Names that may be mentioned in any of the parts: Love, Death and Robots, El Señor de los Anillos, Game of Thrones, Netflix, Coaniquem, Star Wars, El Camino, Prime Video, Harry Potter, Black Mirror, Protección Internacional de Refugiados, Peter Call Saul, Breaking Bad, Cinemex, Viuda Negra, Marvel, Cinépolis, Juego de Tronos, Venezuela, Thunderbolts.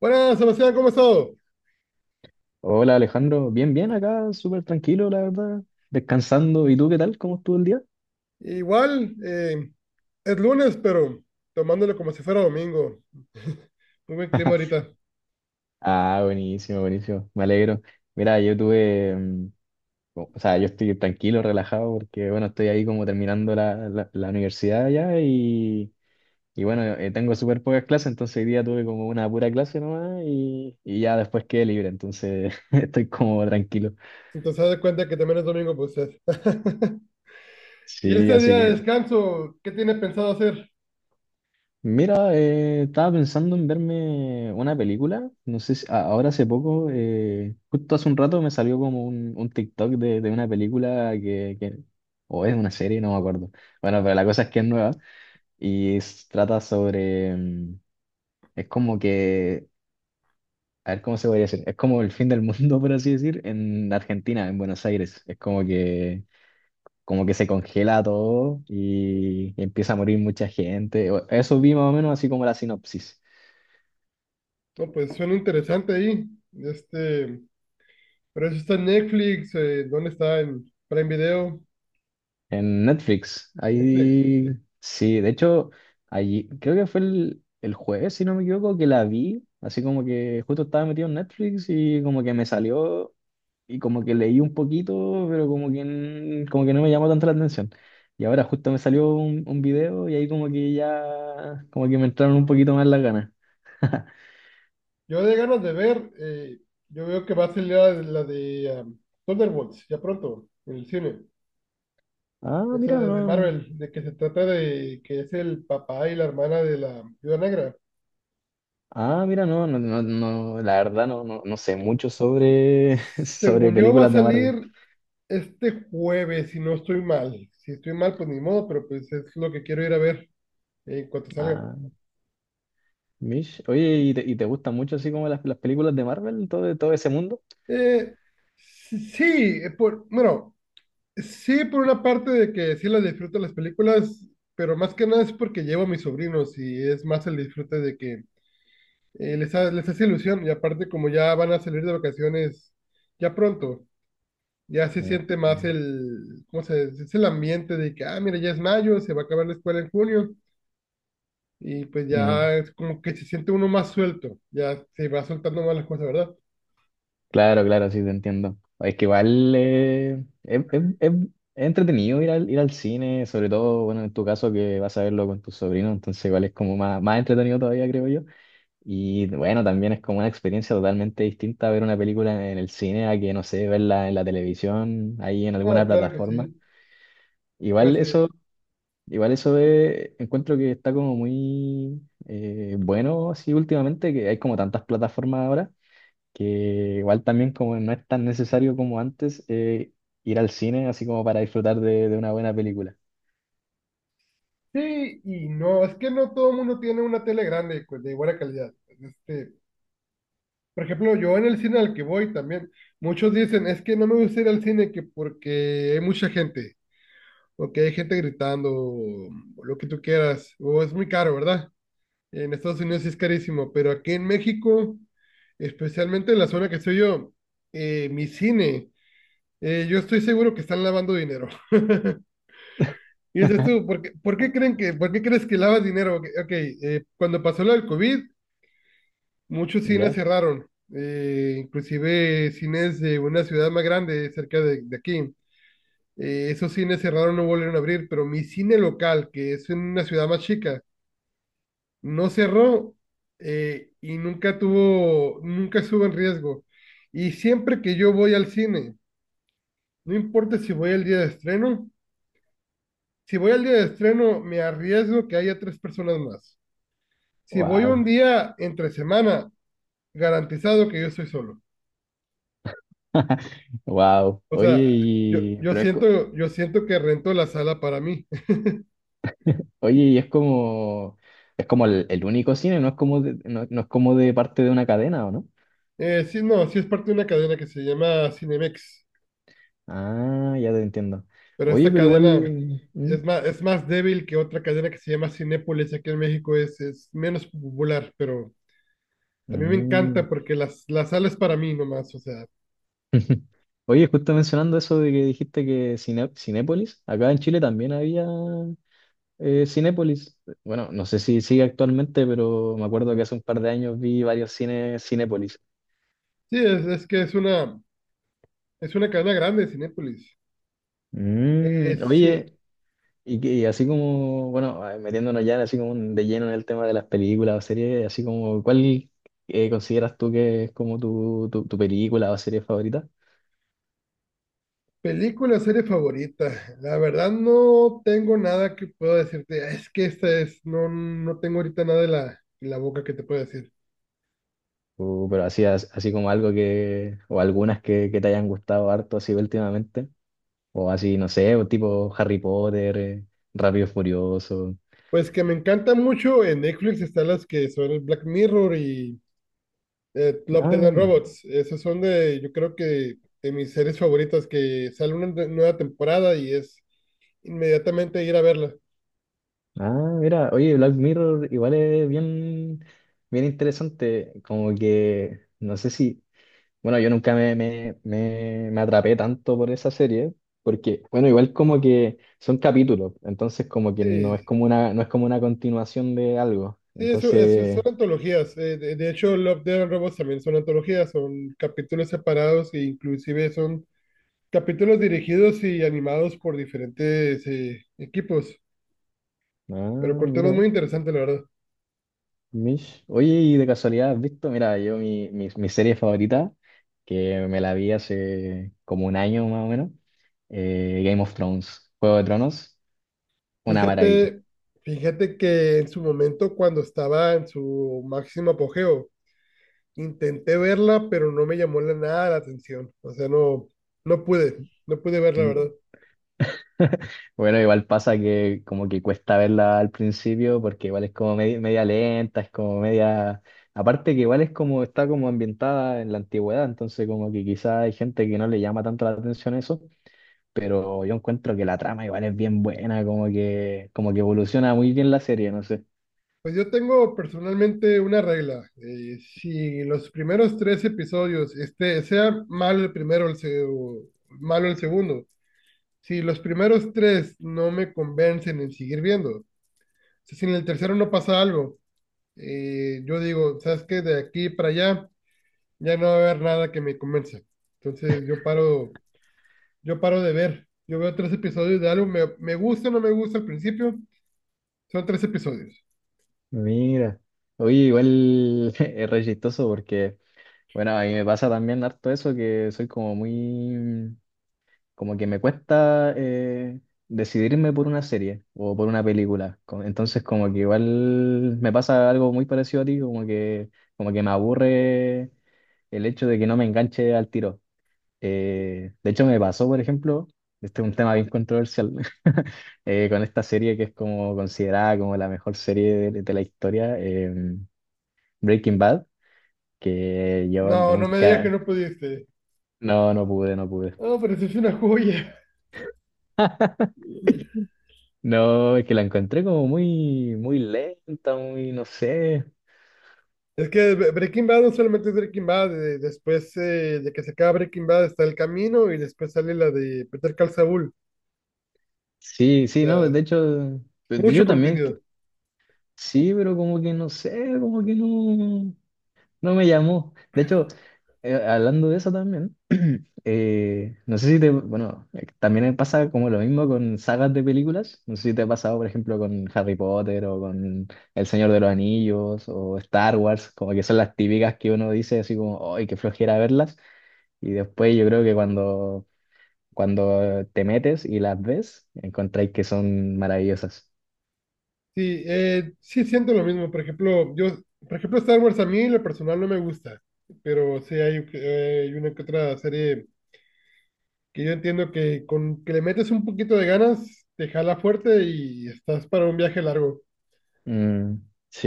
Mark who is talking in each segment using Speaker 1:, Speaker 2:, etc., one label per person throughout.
Speaker 1: Buenas, Sebastián, ¿cómo has estado?
Speaker 2: Hola Alejandro, bien, bien acá, súper tranquilo, la verdad, descansando. ¿Y tú qué tal? ¿Cómo estuvo el día?
Speaker 1: Igual, es lunes, pero tomándolo como si fuera domingo. Muy buen clima ahorita.
Speaker 2: Ah, buenísimo, buenísimo, me alegro. Mira, yo tuve, o sea, yo estoy tranquilo, relajado, porque bueno, estoy ahí como terminando la universidad ya y bueno, tengo súper pocas clases, entonces hoy día tuve como una pura clase nomás y ya después quedé libre, entonces estoy como tranquilo.
Speaker 1: Entonces, haz de cuenta que también es domingo, pues es. Y
Speaker 2: Sí,
Speaker 1: este
Speaker 2: así
Speaker 1: día de
Speaker 2: que...
Speaker 1: descanso, ¿qué tiene pensado hacer?
Speaker 2: Mira, estaba pensando en verme una película, no sé si ahora hace poco, justo hace un rato me salió como un TikTok de una película que o es una serie, no me acuerdo. Bueno, pero la cosa es que es nueva y trata sobre, es como que, a ver cómo se podría decir, es como el fin del mundo, por así decir, en Argentina, en Buenos Aires. Es como que se congela todo y empieza a morir mucha gente. Eso vi más o menos así como la sinopsis.
Speaker 1: No, pues suena interesante ahí. Este, pero eso está en Netflix, ¿dónde está? ¿En Prime Video,
Speaker 2: En Netflix,
Speaker 1: Netflix?
Speaker 2: ahí sí, de hecho, allí creo que fue el jueves, si no me equivoco, que la vi, así como que justo estaba metido en Netflix y como que me salió y como que leí un poquito, pero como que, como que no me llamó tanto la atención. Y ahora justo me salió un video y ahí como que ya, como que me entraron un poquito más las ganas.
Speaker 1: Yo de ganas de ver, yo veo que va a salir la de Thunderbolts, ya pronto, en el cine.
Speaker 2: Ah,
Speaker 1: Esa
Speaker 2: mira,
Speaker 1: de
Speaker 2: no.
Speaker 1: Marvel, de que se trata de que es el papá y la hermana de la Viuda Negra.
Speaker 2: Ah, mira, no, no, no, no, la verdad no, no, no sé mucho sobre, sobre
Speaker 1: Según yo, va a
Speaker 2: películas de
Speaker 1: salir
Speaker 2: Marvel.
Speaker 1: este jueves, si no estoy mal. Si estoy mal, pues ni modo, pero pues es lo que quiero ir a ver en cuanto salga.
Speaker 2: Ah, Mish, oye, ¿y y te gustan mucho así como las películas de Marvel, todo, todo ese mundo?
Speaker 1: Eh, sí, por, bueno, sí, por una parte de que sí las disfruto las películas, pero más que nada es porque llevo a mis sobrinos y es más el disfrute de que les hace ilusión. Y aparte, como ya van a salir de vacaciones ya pronto. Ya se
Speaker 2: Ah.
Speaker 1: siente más el, ¿cómo se dice? Es el ambiente de que, ah, mira, ya es mayo, se va a acabar la escuela en junio, y pues
Speaker 2: Mm,
Speaker 1: ya es como que se siente uno más suelto, ya se va soltando más las cosas, ¿verdad?
Speaker 2: claro, claro, sí, te entiendo. Es que igual es entretenido ir al cine, sobre todo, bueno, en tu caso que vas a verlo con tus sobrinos, entonces igual es como más, más entretenido todavía, creo yo. Y bueno, también es como una experiencia totalmente distinta ver una película en el cine a que, no sé, verla en la televisión, ahí en alguna
Speaker 1: No, claro que
Speaker 2: plataforma.
Speaker 1: sí,
Speaker 2: Igual
Speaker 1: pues
Speaker 2: eso Igual eso de, encuentro que está como muy bueno así últimamente, que hay como tantas plataformas ahora, que igual también como no es tan necesario como antes ir al cine así como para disfrutar de una buena película.
Speaker 1: sí y no, es que no todo el mundo tiene una tele grande, pues, de buena calidad. Este, por ejemplo, yo en el cine al que voy también, muchos dicen, es que no me gusta ir al cine que porque hay mucha gente, o que hay gente gritando, o lo que tú quieras, o es muy caro, ¿verdad? En Estados Unidos sí es carísimo, pero aquí en México, especialmente en la zona que estoy yo, mi cine, yo estoy seguro que están lavando dinero. Y dices tú, ¿por qué crees que lavas dinero? Ok, ok, cuando pasó lo del COVID, muchos cines
Speaker 2: ¿Ya?
Speaker 1: cerraron, inclusive cines de una ciudad más grande cerca de aquí. Esos cines cerraron, no volvieron a abrir, pero mi cine local, que es en una ciudad más chica, no cerró y nunca estuvo en riesgo. Y siempre que yo voy al cine, no importa si voy al día de estreno, si voy al día de estreno me arriesgo que haya tres personas más. Si voy
Speaker 2: Wow.
Speaker 1: un día entre semana, garantizado que yo estoy solo.
Speaker 2: Wow.
Speaker 1: O
Speaker 2: Oye,
Speaker 1: sea,
Speaker 2: y,
Speaker 1: yo siento que rento la sala para mí.
Speaker 2: oye, y es como el único cine, no es como de, no, no es como de parte de una cadena, ¿o no?
Speaker 1: Sí, no, sí es parte de una cadena que se llama Cinemex.
Speaker 2: Ah, ya te entiendo.
Speaker 1: Pero
Speaker 2: Oye,
Speaker 1: esta
Speaker 2: pero
Speaker 1: cadena
Speaker 2: igual... ¿Mm?
Speaker 1: es más débil que otra cadena que se llama Cinépolis aquí en México, es menos popular, pero a mí me
Speaker 2: Mm.
Speaker 1: encanta porque la sala es para mí nomás, o sea,
Speaker 2: Oye, justo mencionando eso de que dijiste que Cinépolis, acá en Chile también había Cinépolis. Bueno, no sé si sigue actualmente, pero me acuerdo que hace un par de años vi varios cines Cinépolis.
Speaker 1: sí, es que es una cadena grande Cinépolis.
Speaker 2: Mm,
Speaker 1: Sí,
Speaker 2: oye, y, y así como, bueno, ah, metiéndonos ya así como de lleno en el tema de las películas o series, así como, ¿cuál consideras tú que es como tu película o serie favorita?
Speaker 1: película, serie favorita, la verdad no tengo nada que pueda decirte, es que esta es, no, no tengo ahorita nada en en la boca que te pueda decir.
Speaker 2: O, pero así, así como algo que, o algunas que te hayan gustado harto así últimamente. O así, no sé, o tipo Harry Potter, Rápido y Furioso.
Speaker 1: Pues que me encanta mucho en Netflix están las que son el Black Mirror y Love, Death
Speaker 2: Ah,
Speaker 1: and
Speaker 2: ya.
Speaker 1: Robots, esos son de, yo creo que de mis series favoritas, que sale una nueva temporada y es inmediatamente ir a verla.
Speaker 2: Ah, mira, oye, Black Mirror igual es bien, bien interesante, como que, no sé si, bueno, yo nunca me atrapé tanto por esa serie, porque, bueno, igual como que son capítulos, entonces como que no es
Speaker 1: Sí,
Speaker 2: como una, no es como una continuación de algo,
Speaker 1: sí, eso son
Speaker 2: entonces,
Speaker 1: antologías. De hecho, Love, Death and Robots también son antologías, son capítulos separados e inclusive son capítulos dirigidos y animados por diferentes equipos, pero
Speaker 2: ah,
Speaker 1: con temas
Speaker 2: mira.
Speaker 1: muy interesantes, la verdad.
Speaker 2: Mish. Oye, y de casualidad, ¿has visto? Mira, yo mi serie favorita, que me la vi hace como un año más o menos, Game of Thrones, Juego de Tronos, una maravilla.
Speaker 1: Fíjate, fíjate que en su momento, cuando estaba en su máximo apogeo, intenté verla, pero no me llamó nada la atención. O sea, no, no pude, no pude verla,
Speaker 2: Mm.
Speaker 1: ¿verdad?
Speaker 2: Bueno, igual pasa que como que cuesta verla al principio porque igual es como media, media lenta, es como media... Aparte que igual es como está como ambientada en la antigüedad, entonces como que quizá hay gente que no le llama tanto la atención eso. Pero yo encuentro que la trama igual es bien buena, como que evoluciona muy bien la serie, no sé.
Speaker 1: Pues yo tengo personalmente una regla. Si los primeros tres episodios, este, sea malo el primero o malo el segundo, si los primeros tres no me convencen en seguir viendo, o sea, si en el tercero no pasa algo, yo digo, ¿sabes qué? De aquí para allá ya no va a haber nada que me convenza. Entonces yo paro de ver. Yo veo tres episodios de algo, me gusta o no me gusta al principio. Son tres episodios.
Speaker 2: Mira, oye, igual es re chistoso porque, bueno, a mí me pasa también harto eso, que soy como muy, como que me cuesta decidirme por una serie o por una película. Entonces, como que igual me pasa algo muy parecido a ti, como que me aburre el hecho de que no me enganche al tiro. De hecho, me pasó, por ejemplo, este es un tema bien controversial, con esta serie que es como considerada como la mejor serie de la historia, Breaking Bad, que yo
Speaker 1: No, no me digas que
Speaker 2: nunca,
Speaker 1: no pudiste.
Speaker 2: no, no pude, no pude.
Speaker 1: No, pero sí es una joya.
Speaker 2: No, es que la encontré como muy, muy lenta, muy, no sé.
Speaker 1: Es que Breaking Bad no solamente es Breaking Bad, después de que se acaba Breaking Bad está El Camino y después sale la de Peter Call Saul.
Speaker 2: Sí,
Speaker 1: O
Speaker 2: sí, no,
Speaker 1: sea,
Speaker 2: de hecho,
Speaker 1: mucho
Speaker 2: yo también,
Speaker 1: contenido.
Speaker 2: sí, pero como que no sé, como que no. No me llamó. De hecho, hablando de eso también, no sé si te, bueno, también me pasa como lo mismo con sagas de películas. No sé si te ha pasado, por ejemplo, con Harry Potter o con El Señor de los Anillos o Star Wars, como que son las típicas que uno dice así como, ¡ay, qué flojera verlas! Y después yo creo que cuando, cuando te metes y las ves, encontráis que son maravillosas.
Speaker 1: Sí, sí siento lo mismo. Por ejemplo, yo, por ejemplo, Star Wars a mí en lo personal no me gusta, pero sí hay, hay una que otra serie que yo entiendo que con que le metes un poquito de ganas, te jala fuerte y estás para un viaje largo.
Speaker 2: Mm,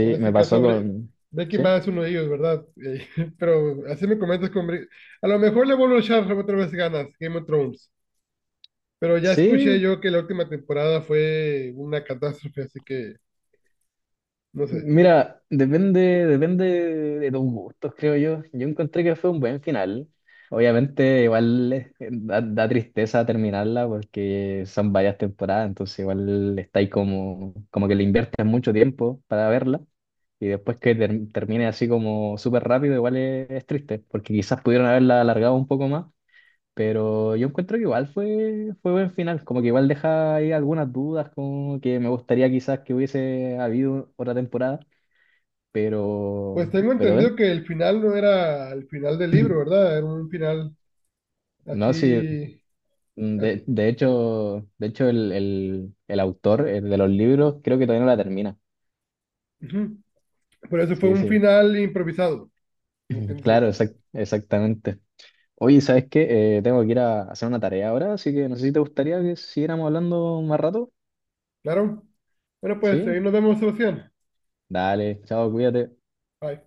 Speaker 1: En este
Speaker 2: me
Speaker 1: caso,
Speaker 2: pasó con...
Speaker 1: Breaking
Speaker 2: ¿Sí?
Speaker 1: Bad es uno de ellos, ¿verdad? Pero así me comentas con... a lo mejor le vuelvo a echar otra vez ganas, Game of Thrones. Pero ya escuché
Speaker 2: Sí,
Speaker 1: yo que la última temporada fue una catástrofe, así que no sé.
Speaker 2: mira, depende, depende de tus gustos, creo yo. Yo encontré que fue un buen final. Obviamente, igual da, da tristeza terminarla porque son varias temporadas, entonces igual está ahí como, como que le inviertes mucho tiempo para verla y después que termine así como súper rápido, igual es triste porque quizás pudieron haberla alargado un poco más, pero yo encuentro que igual fue, fue buen final, como que igual deja ahí algunas dudas, como que me gustaría quizás que hubiese habido otra temporada pero,
Speaker 1: Pues tengo
Speaker 2: pero de-
Speaker 1: entendido que el final no era el final del libro, ¿verdad? Era un final
Speaker 2: no, sí,
Speaker 1: así,
Speaker 2: mm,
Speaker 1: así.
Speaker 2: de hecho el autor el de los libros creo que todavía no la termina.
Speaker 1: Ujú. Por eso fue
Speaker 2: Sí,
Speaker 1: un
Speaker 2: sí,
Speaker 1: final improvisado, como que dice.
Speaker 2: claro, exactamente. Oye, ¿sabes qué? Tengo que ir a hacer una tarea ahora, así que no sé si te gustaría que siguiéramos hablando más rato.
Speaker 1: Claro. Bueno, pues ahí
Speaker 2: ¿Sí?
Speaker 1: nos vemos, Sebastián.
Speaker 2: Dale, chao, cuídate.
Speaker 1: Bye.